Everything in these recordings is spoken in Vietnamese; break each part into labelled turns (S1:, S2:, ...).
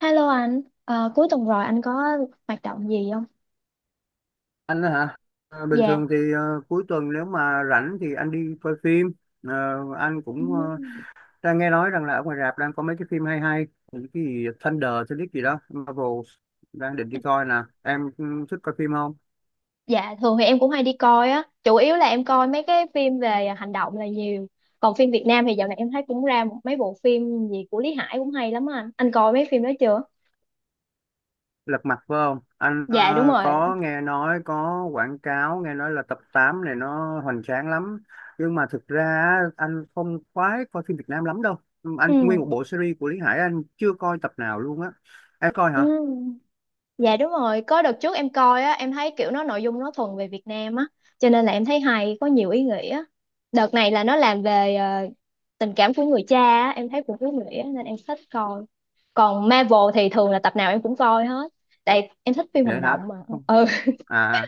S1: Hello anh. Ờ, Cuối tuần rồi anh có hoạt động gì không?
S2: Anh á hả? Bình
S1: Dạ.
S2: thường thì cuối tuần nếu mà rảnh thì anh đi coi phim. Ờ, anh cũng
S1: Ừm.
S2: đang nghe nói rằng là ở ngoài rạp đang có mấy cái phim hay hay. Những cái gì Thunder tôi biết gì đó Marvel, đang định đi coi nè. Em thích coi phim không?
S1: Dạ thường thì em cũng hay đi coi á, chủ yếu là em coi mấy cái phim về hành động là nhiều. Còn phim Việt Nam thì dạo này em thấy cũng ra một mấy bộ phim gì của Lý Hải cũng hay lắm á anh. Anh coi mấy phim đó chưa?
S2: Lật Mặt phải không anh?
S1: Dạ đúng
S2: Ờ,
S1: rồi.
S2: có nghe nói, có quảng cáo, nghe nói là tập 8 này nó hoành tráng lắm. Nhưng mà thực ra á, anh không khoái coi phim Việt Nam lắm đâu. Ừ, anh
S1: Ừ.
S2: nguyên một bộ series của Lý Hải anh chưa coi tập nào luôn á. Em coi
S1: Ừ.
S2: hả?
S1: Dạ đúng rồi, có đợt trước em coi á, em thấy kiểu nó nội dung nó thuần về Việt Nam á, cho nên là em thấy hay, có nhiều ý nghĩa. Đợt này là nó làm về tình cảm của người cha á, em thấy cũng ý nghĩa nên em thích coi. Còn Marvel thì thường là tập nào em cũng coi hết, tại em thích phim hành
S2: Vậy hả?
S1: động mà. Ừ.
S2: À,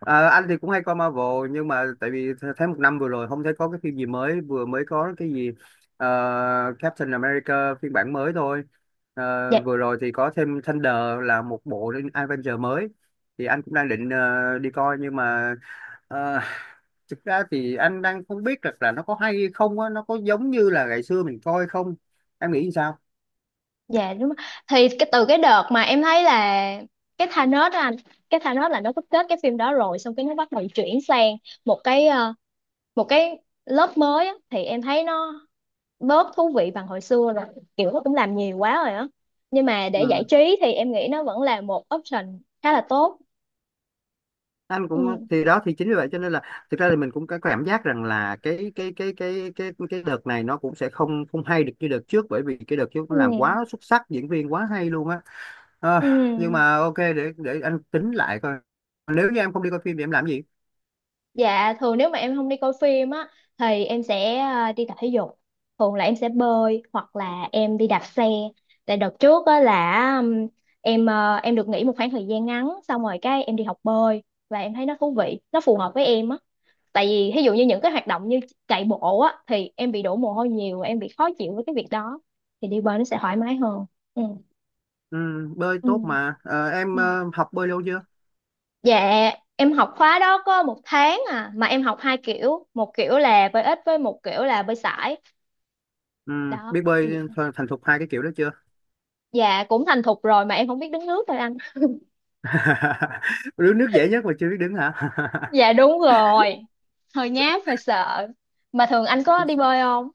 S2: ờ, anh thì cũng hay coi Marvel nhưng mà tại vì thấy một năm vừa rồi không thấy có cái phim gì mới, vừa mới có cái gì ờ, Captain America phiên bản mới thôi.
S1: Dạ.
S2: Vừa rồi thì có thêm Thunder, là một bộ Avenger mới, thì anh cũng đang định đi coi. Nhưng mà ờ, thực ra thì anh đang không biết được là nó có hay không á, nó có giống như là ngày xưa mình coi không, em nghĩ sao?
S1: Dạ đúng rồi. Thì cái từ cái đợt mà em thấy là cái Thanos á anh, cái Thanos là nó có kết cái phim đó rồi, xong cái nó bắt đầu chuyển sang một cái một cái lớp mới á, thì em thấy nó bớt thú vị bằng hồi xưa rồi, kiểu nó cũng làm nhiều quá rồi á, nhưng mà để giải
S2: Ừ.
S1: trí thì em nghĩ nó vẫn là một option khá là tốt.
S2: Anh
S1: Ừ.
S2: cũng, thì đó thì chính vì vậy cho nên là thực ra thì mình cũng có cảm giác rằng là cái đợt này nó cũng sẽ không không hay được như đợt trước, bởi vì cái đợt trước
S1: Ừ.
S2: nó làm quá xuất sắc, diễn viên quá hay luôn á. Ờ,
S1: Ừ.
S2: nhưng mà ok, để anh tính lại coi. Nếu như em không đi coi phim thì em làm gì?
S1: Dạ thường nếu mà em không đi coi phim á thì em sẽ đi tập thể dục. Thường là em sẽ bơi hoặc là em đi đạp xe. Tại đợt trước á là em em được nghỉ một khoảng thời gian ngắn xong rồi cái em đi học bơi và em thấy nó thú vị, nó phù hợp với em á. Tại vì ví dụ như những cái hoạt động như chạy bộ á thì em bị đổ mồ hôi nhiều, em bị khó chịu với cái việc đó, thì đi bơi nó sẽ thoải mái hơn. Ừ.
S2: Ừ, bơi
S1: Ừ.
S2: tốt mà. Ờ, em
S1: Ừ.
S2: học bơi lâu chưa?
S1: Dạ, em học khóa đó có một tháng à, mà em học hai kiểu, một kiểu là bơi ếch với một kiểu là bơi sải.
S2: Ừ,
S1: Đó.
S2: biết bơi thành thục hai cái kiểu đó chưa?
S1: Dạ cũng thành thục rồi mà em không biết đứng nước thôi anh.
S2: Đứng nước dễ nhất mà chưa biết đứng hả?
S1: Dạ đúng rồi, hơi nhát, hơi sợ. Mà thường anh có đi bơi không?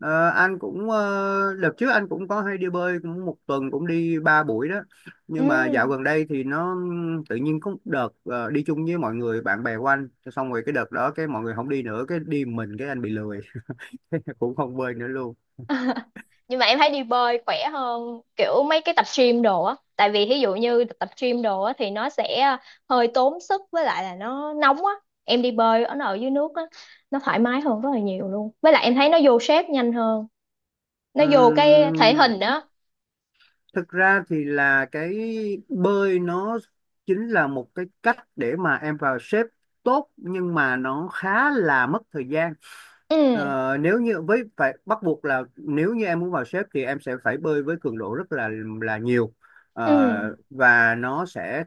S2: Ờ, anh cũng, đợt trước anh cũng có hay đi bơi, cũng một tuần cũng đi ba buổi đó.
S1: Ừ.
S2: Nhưng mà dạo gần đây thì nó tự nhiên có một đợt đi chung với mọi người bạn bè của anh, xong rồi cái đợt đó cái mọi người không đi nữa, cái đi mình cái anh bị lười cũng không bơi nữa luôn.
S1: Nhưng mà em thấy đi bơi khỏe hơn kiểu mấy cái tập gym đồ á. Tại vì ví dụ như tập gym đồ á thì nó sẽ hơi tốn sức với lại là nó nóng á. Em đi bơi ở ở dưới nước á, nó thoải mái hơn rất là nhiều luôn. Với lại em thấy nó vô shape nhanh hơn. Nó vô cái thể
S2: Ừm,
S1: hình đó.
S2: Thực ra thì là cái bơi nó chính là một cái cách để mà em vào shape tốt, nhưng mà nó khá là mất thời gian.
S1: Ừ.
S2: Nếu như với phải bắt buộc là nếu như em muốn vào xếp thì em sẽ phải bơi với cường độ rất là nhiều.
S1: Ừ.
S2: Và nó sẽ,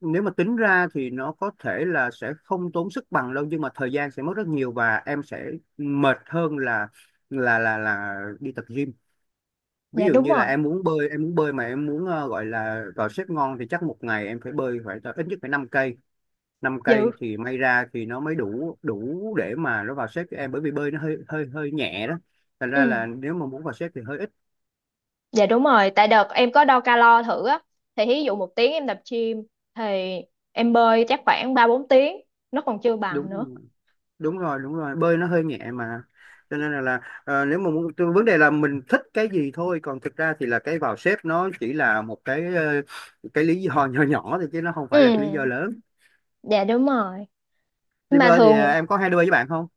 S2: nếu mà tính ra thì nó có thể là sẽ không tốn sức bằng đâu nhưng mà thời gian sẽ mất rất nhiều, và em sẽ mệt hơn là đi tập gym. Ví
S1: Dạ
S2: dụ
S1: đúng
S2: như là
S1: rồi.
S2: em muốn bơi mà em muốn gọi là vào xếp ngon thì chắc một ngày em phải bơi, phải ít nhất phải 5 cây. Năm cây
S1: Dữ.
S2: thì may ra thì nó mới đủ đủ để mà nó vào xếp cho em, bởi vì bơi nó hơi hơi hơi nhẹ đó. Thành ra
S1: Ừ.
S2: là nếu mà muốn vào xếp thì hơi ít.
S1: Dạ đúng rồi, tại đợt em có đo calo thử á, thì ví dụ một tiếng em tập gym thì em bơi chắc khoảng ba bốn tiếng nó còn chưa bằng nữa.
S2: Đúng Đúng rồi, đúng rồi, bơi nó hơi nhẹ mà. Cho nên là nếu mà muốn vấn đề là mình thích cái gì thôi, còn thực ra thì là cái vào xếp nó chỉ là một cái lý do nhỏ nhỏ thôi, chứ nó không phải là cái lý do
S1: Ừ.
S2: lớn.
S1: Dạ đúng rồi.
S2: Đi
S1: Mà
S2: bơi thì
S1: thường
S2: em có hay đi bơi với bạn không?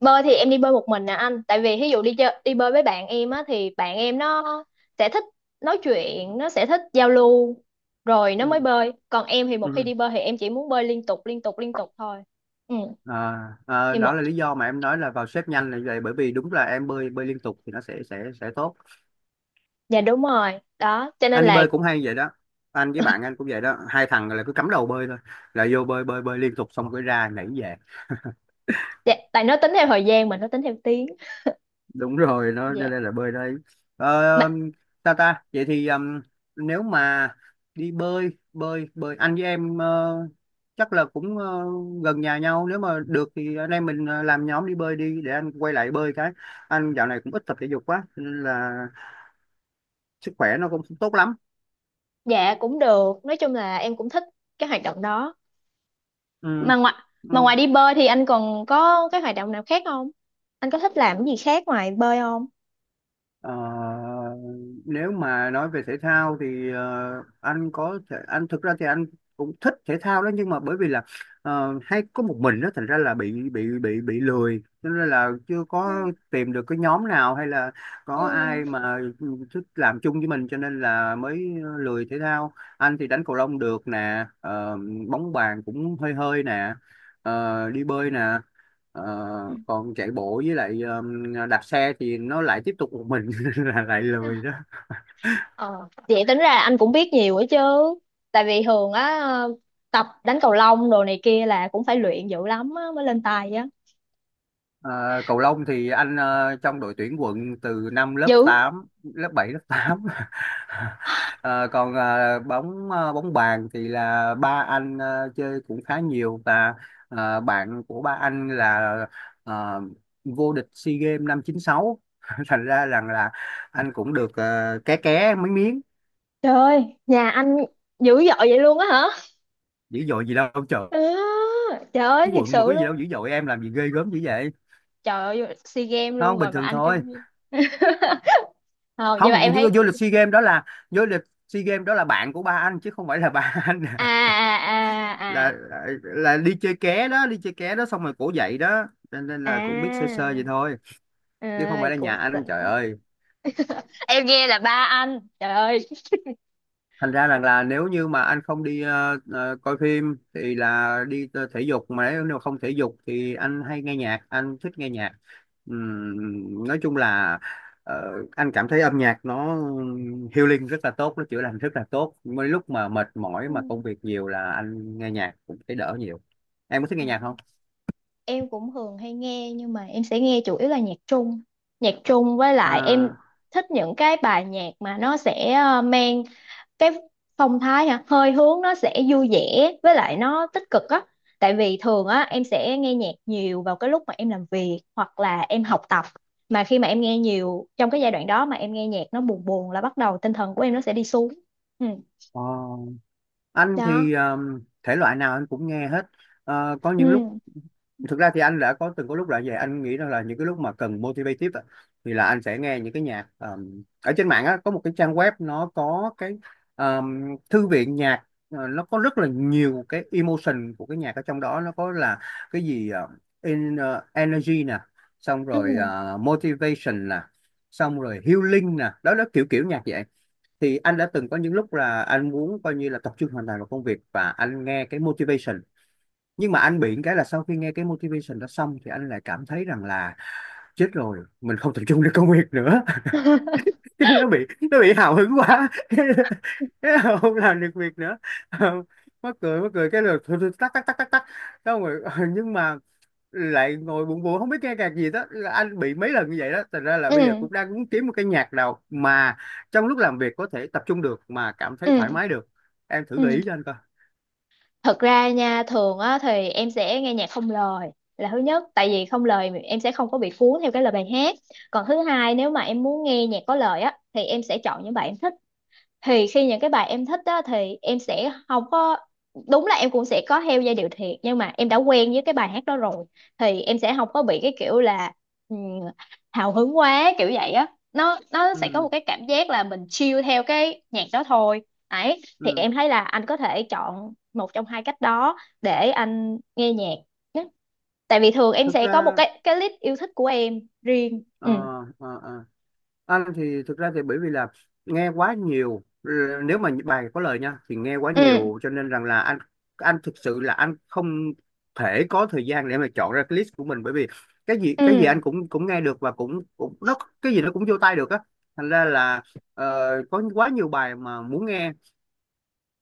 S1: bơi thì em đi bơi một mình nè anh, tại vì ví dụ đi chơi đi bơi với bạn em á thì bạn em nó sẽ thích nói chuyện, nó sẽ thích giao lưu rồi nó
S2: Ừ.
S1: mới bơi, còn em thì một khi
S2: Ừ.
S1: đi bơi thì em chỉ muốn bơi liên tục liên tục liên tục thôi. Ừ.
S2: À, à,
S1: Thì
S2: đó
S1: một,
S2: là lý do mà em nói là vào xếp nhanh là vậy, bởi vì đúng là em bơi bơi liên tục thì nó sẽ tốt.
S1: dạ đúng rồi, đó cho nên
S2: Anh đi
S1: là
S2: bơi cũng hay vậy đó. Anh với bạn anh cũng vậy đó, hai thằng là cứ cắm đầu bơi thôi, là vô bơi bơi bơi liên tục, xong cái ra nhảy về.
S1: dạ, tại nó tính theo thời gian mà nó tính theo tiếng.
S2: Đúng rồi, nó cho
S1: Dạ.
S2: nên là bơi đây. ờ,
S1: Mà
S2: ta ta vậy thì nếu mà đi bơi bơi bơi anh với em, chắc là cũng gần nhà nhau, nếu mà được thì anh em mình làm nhóm đi bơi đi, để anh quay lại bơi. Cái anh dạo này cũng ít tập thể dục quá cho nên là sức khỏe nó cũng không tốt lắm.
S1: dạ cũng được, nói chung là em cũng thích cái hoạt động đó. Mà ngoài mà
S2: Ừ.
S1: ngoài đi bơi thì anh còn có cái hoạt động nào khác không? Anh có thích làm cái gì khác ngoài bơi không?
S2: Ờ, Nếu mà nói về thể thao thì anh có thể, anh thực ra thì anh cũng thích thể thao đó, nhưng mà bởi vì là hay có một mình đó, thành ra là bị lười, cho nên là chưa
S1: Ừ.
S2: có tìm được cái nhóm nào hay là
S1: Ừ.
S2: có ai mà thích làm chung với mình cho nên là mới lười thể thao. Anh thì đánh cầu lông được nè, bóng bàn cũng hơi hơi nè, đi bơi nè. Ờ,
S1: Ừ.
S2: Còn chạy bộ với lại đạp xe thì nó lại tiếp tục một mình là lại lười đó.
S1: Ờ vậy tính ra anh cũng biết nhiều ấy chứ, tại vì thường á tập đánh cầu lông đồ này kia là cũng phải luyện dữ lắm á mới lên tài á.
S2: Ờ, Cầu lông thì anh trong đội tuyển quận từ năm lớp
S1: Dữ.
S2: tám, lớp bảy, lớp tám. Ờ, Còn bóng bàn thì là ba anh chơi cũng khá nhiều, và bạn của ba anh là ờ, vô địch SEA Games năm chín sáu. Thành ra rằng là anh cũng được ké ké mấy miếng.
S1: Trời ơi, nhà anh dữ dội vậy luôn á hả.
S2: Dữ dội gì đâu trời.
S1: À, trời ơi
S2: Cái
S1: thiệt
S2: quận mà
S1: sự
S2: có gì đâu
S1: luôn.
S2: dữ dội, em làm gì ghê gớm dữ vậy.
S1: Trời ơi SEA Games
S2: Nó
S1: luôn
S2: không bình
S1: rồi mà
S2: thường
S1: anh kêu
S2: thôi.
S1: gì. Không nhưng mà
S2: Không
S1: em
S2: vô,
S1: thấy
S2: vô lịch SEA Games đó là vô lịch SEA Games đó là bạn của ba anh, chứ không phải là ba anh.
S1: à à à
S2: là,
S1: à.
S2: là là đi chơi ké đó, đi chơi ké đó, xong rồi cổ dậy đó nên nên là cũng biết sơ sơ vậy
S1: À,
S2: thôi, chứ không
S1: à
S2: phải là nhà
S1: cũng
S2: anh
S1: xịn.
S2: trời ơi.
S1: Em nghe là ba anh trời ơi.
S2: Thành ra rằng là nếu như mà anh không đi coi phim thì là đi thể dục, mà nếu nếu không thể dục thì anh hay nghe nhạc, anh thích nghe nhạc. Nói chung là ờ, anh cảm thấy âm nhạc nó healing rất là tốt, nó chữa lành rất là tốt, mấy lúc mà mệt mỏi
S1: Ừ.
S2: mà công việc nhiều là anh nghe nhạc cũng thấy đỡ nhiều. Em có thích nghe
S1: Ờ,
S2: nhạc không?
S1: em cũng thường hay nghe nhưng mà em sẽ nghe chủ yếu là nhạc Trung. Nhạc Trung với lại em
S2: À,
S1: thích những cái bài nhạc mà nó sẽ mang cái phong thái hả hơi hướng nó sẽ vui vẻ, với lại nó tích cực á. Tại vì thường á em sẽ nghe nhạc nhiều vào cái lúc mà em làm việc hoặc là em học tập, mà khi mà em nghe nhiều trong cái giai đoạn đó mà em nghe nhạc nó buồn buồn là bắt đầu tinh thần của em nó sẽ đi xuống. Ừ.
S2: ờ, anh
S1: Đó.
S2: thì thể loại nào anh cũng nghe hết. Có những lúc,
S1: Ừ.
S2: thực ra thì anh đã có từng có lúc là vậy, anh nghĩ rằng là những cái lúc mà cần motivative á, thì là anh sẽ nghe những cái nhạc ở trên mạng á. Có một cái trang web, nó có cái thư viện nhạc, nó có rất là nhiều cái emotion của cái nhạc ở trong đó. Nó có là cái gì energy nè, xong rồi
S1: Ừ.
S2: motivation nè, xong rồi healing nè, đó là kiểu kiểu nhạc vậy. Thì anh đã từng có những lúc là anh muốn coi như là tập trung hoàn toàn vào công việc và anh nghe cái motivation. Nhưng mà anh bị cái là sau khi nghe cái motivation đó xong thì anh lại cảm thấy rằng là chết rồi mình không tập trung được công việc nữa. Cái nó bị hào hứng quá. Cái là không làm được việc nữa. Ờ, Mắc cười, mắc cười cái lượt, thôi thôi, tắc tắc tắc tắc tắc. Xong rồi nhưng mà lại ngồi buồn buồn không biết nghe nhạc gì. Đó là anh bị mấy lần như vậy đó, thành ra là
S1: Ừ.
S2: bây giờ cũng đang muốn kiếm một cái nhạc nào mà trong lúc làm việc có thể tập trung được mà cảm
S1: Ừ.
S2: thấy thoải mái được. Em thử gợi
S1: Ừ.
S2: ý cho anh coi.
S1: Thật ra nha thường á thì em sẽ nghe nhạc không lời. Là thứ nhất tại vì không lời em sẽ không có bị cuốn theo cái lời bài hát. Còn thứ hai nếu mà em muốn nghe nhạc có lời á thì em sẽ chọn những bài em thích. Thì khi những cái bài em thích á thì em sẽ không có, đúng là em cũng sẽ có theo giai điệu thiệt, nhưng mà em đã quen với cái bài hát đó rồi thì em sẽ không có bị cái kiểu là ừm, hào hứng quá kiểu vậy á. Nó sẽ có một
S2: Ừ,
S1: cái cảm giác là mình chill theo cái nhạc đó thôi. Ấy thì
S2: ừ.
S1: em thấy là anh có thể chọn một trong hai cách đó để anh nghe nhạc nhé. Tại vì thường em
S2: thực
S1: sẽ có một
S2: ra
S1: cái list yêu thích của em riêng.
S2: Ờ,
S1: Ừ.
S2: ờ, ờ. Anh thì thực ra thì bởi vì là nghe quá nhiều. Ừ, nếu mà bài có lời nha thì nghe quá
S1: Ừ.
S2: nhiều, cho nên rằng là anh thực sự là anh không thể có thời gian để mà chọn ra cái list của mình, bởi vì cái gì
S1: Ừ.
S2: cái gì anh cũng cũng nghe được, và cũng cũng nó, cái gì nó cũng vô tai được á, thành ra là ờ, có quá nhiều bài mà muốn nghe.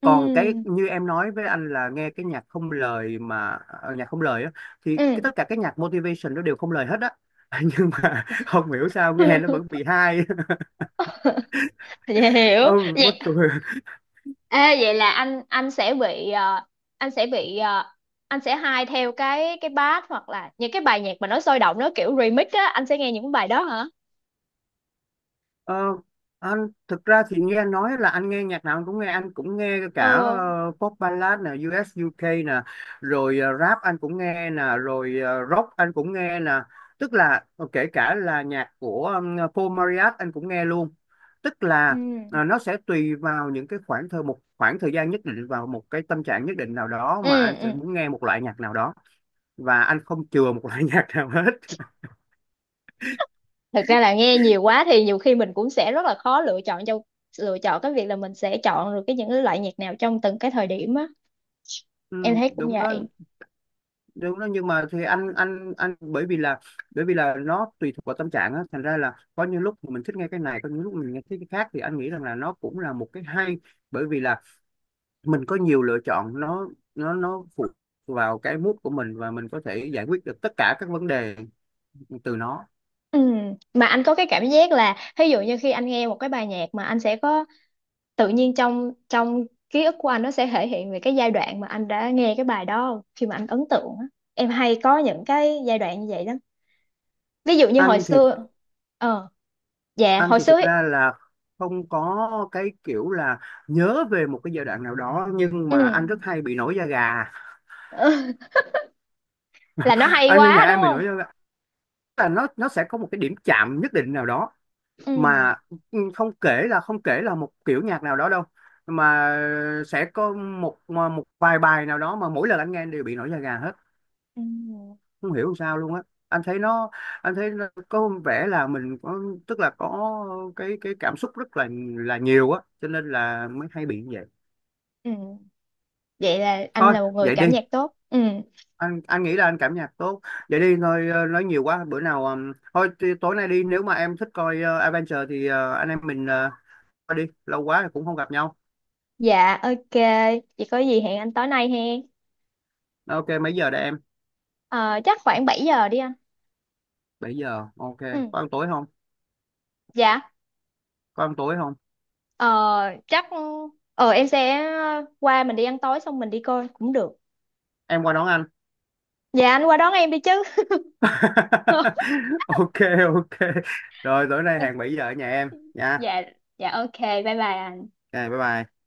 S2: Còn cái
S1: Ừ.
S2: như em nói với anh là nghe cái nhạc không lời, mà nhạc không lời á thì cái
S1: Ừ.
S2: tất cả cái nhạc motivation nó đều không lời hết á. Nhưng mà không hiểu sao nghe nó vẫn bị hay.
S1: Dạ hiểu.
S2: Ừ, mắc
S1: Vậy
S2: cười.
S1: ê, vậy là anh sẽ bị anh sẽ bị anh sẽ hay theo cái bass hoặc là những cái bài nhạc mà nó sôi động nó kiểu remix á, anh sẽ nghe những bài đó hả?
S2: Ờ, anh thực ra thì nghe nói là anh nghe nhạc nào anh cũng nghe, anh cũng nghe
S1: Ồ.
S2: cả pop ballad nè, US UK nè, rồi rap anh cũng nghe nè, rồi rock anh cũng nghe nè. Tức là kể cả là nhạc của Paul Marriott anh cũng nghe luôn. Tức
S1: Ừ.
S2: là nó sẽ tùy vào những cái khoảng thời một khoảng thời gian nhất định, vào một cái tâm trạng nhất định nào đó
S1: Ừ,
S2: mà anh
S1: ừ.
S2: sẽ muốn nghe một loại nhạc nào đó, và anh không chừa một loại nhạc nào hết.
S1: Thực ra là nghe nhiều quá thì nhiều khi mình cũng sẽ rất là khó lựa chọn cho, lựa chọn cái việc là mình sẽ chọn được cái những cái loại nhạc nào trong từng cái thời điểm á.
S2: Ừ,
S1: Em thấy cũng
S2: đúng đó,
S1: vậy.
S2: đúng đó. Nhưng mà thì anh bởi vì là nó tùy thuộc vào tâm trạng á, thành ra là có những lúc mình thích nghe cái này, có những lúc mình nghe thích cái khác, thì anh nghĩ rằng là nó cũng là một cái hay, bởi vì là mình có nhiều lựa chọn. Nó phụ vào cái mood của mình, và mình có thể giải quyết được tất cả các vấn đề từ nó.
S1: Ừ. Mà anh có cái cảm giác là ví dụ như khi anh nghe một cái bài nhạc mà anh sẽ có tự nhiên trong trong ký ức của anh nó sẽ thể hiện về cái giai đoạn mà anh đã nghe cái bài đó khi mà anh ấn tượng á. Em hay có những cái giai đoạn như vậy lắm, ví dụ như hồi
S2: anh thì
S1: xưa. ờ dạ
S2: anh
S1: hồi
S2: thì
S1: xưa
S2: thực
S1: ấy.
S2: ra là không có cái kiểu là nhớ về một cái giai đoạn nào đó, nhưng
S1: Ừ.
S2: mà anh rất hay bị nổi da gà.
S1: Là nó hay
S2: Anh nghe nhạc
S1: quá đúng
S2: anh bị
S1: không.
S2: nổi da gà, là nó sẽ có một cái điểm chạm nhất định nào đó
S1: Ừ.
S2: mà ừ, không kể là một kiểu nhạc nào đó đâu, mà sẽ có một một vài bài nào đó mà mỗi lần anh nghe anh đều bị nổi da gà hết,
S1: Ừ.
S2: không hiểu sao luôn á. anh thấy nó anh thấy nó có vẻ là mình có, tức là có cái cảm xúc rất là nhiều á, cho nên là mới hay bị như vậy.
S1: Ừ. Vậy là anh
S2: Thôi
S1: là một người
S2: vậy đi.
S1: cảm nhạc tốt. Ừ.
S2: Anh nghĩ là anh cảm nhạc tốt. Vậy đi thôi, nói nhiều quá, bữa nào thôi tối nay đi, nếu mà em thích coi Adventure thì anh em mình coi đi, lâu quá rồi cũng không gặp nhau.
S1: Dạ ok. Vậy có gì hẹn anh tối nay he.
S2: Ok mấy giờ đây em?
S1: Ờ, chắc khoảng 7 giờ đi anh.
S2: Bảy giờ ok.
S1: Ừ.
S2: Có ăn tối không?
S1: Dạ.
S2: Có ăn tối không?
S1: ờ, Chắc em sẽ qua mình đi ăn tối xong mình đi coi cũng được.
S2: Em qua đón anh?
S1: Dạ anh qua đón em đi chứ.
S2: Ok. Ok, rồi tối nay hàng 7 giờ ở nhà em nha.
S1: Dạ. Dạ ok bye bye anh.
S2: Ok, bye bye.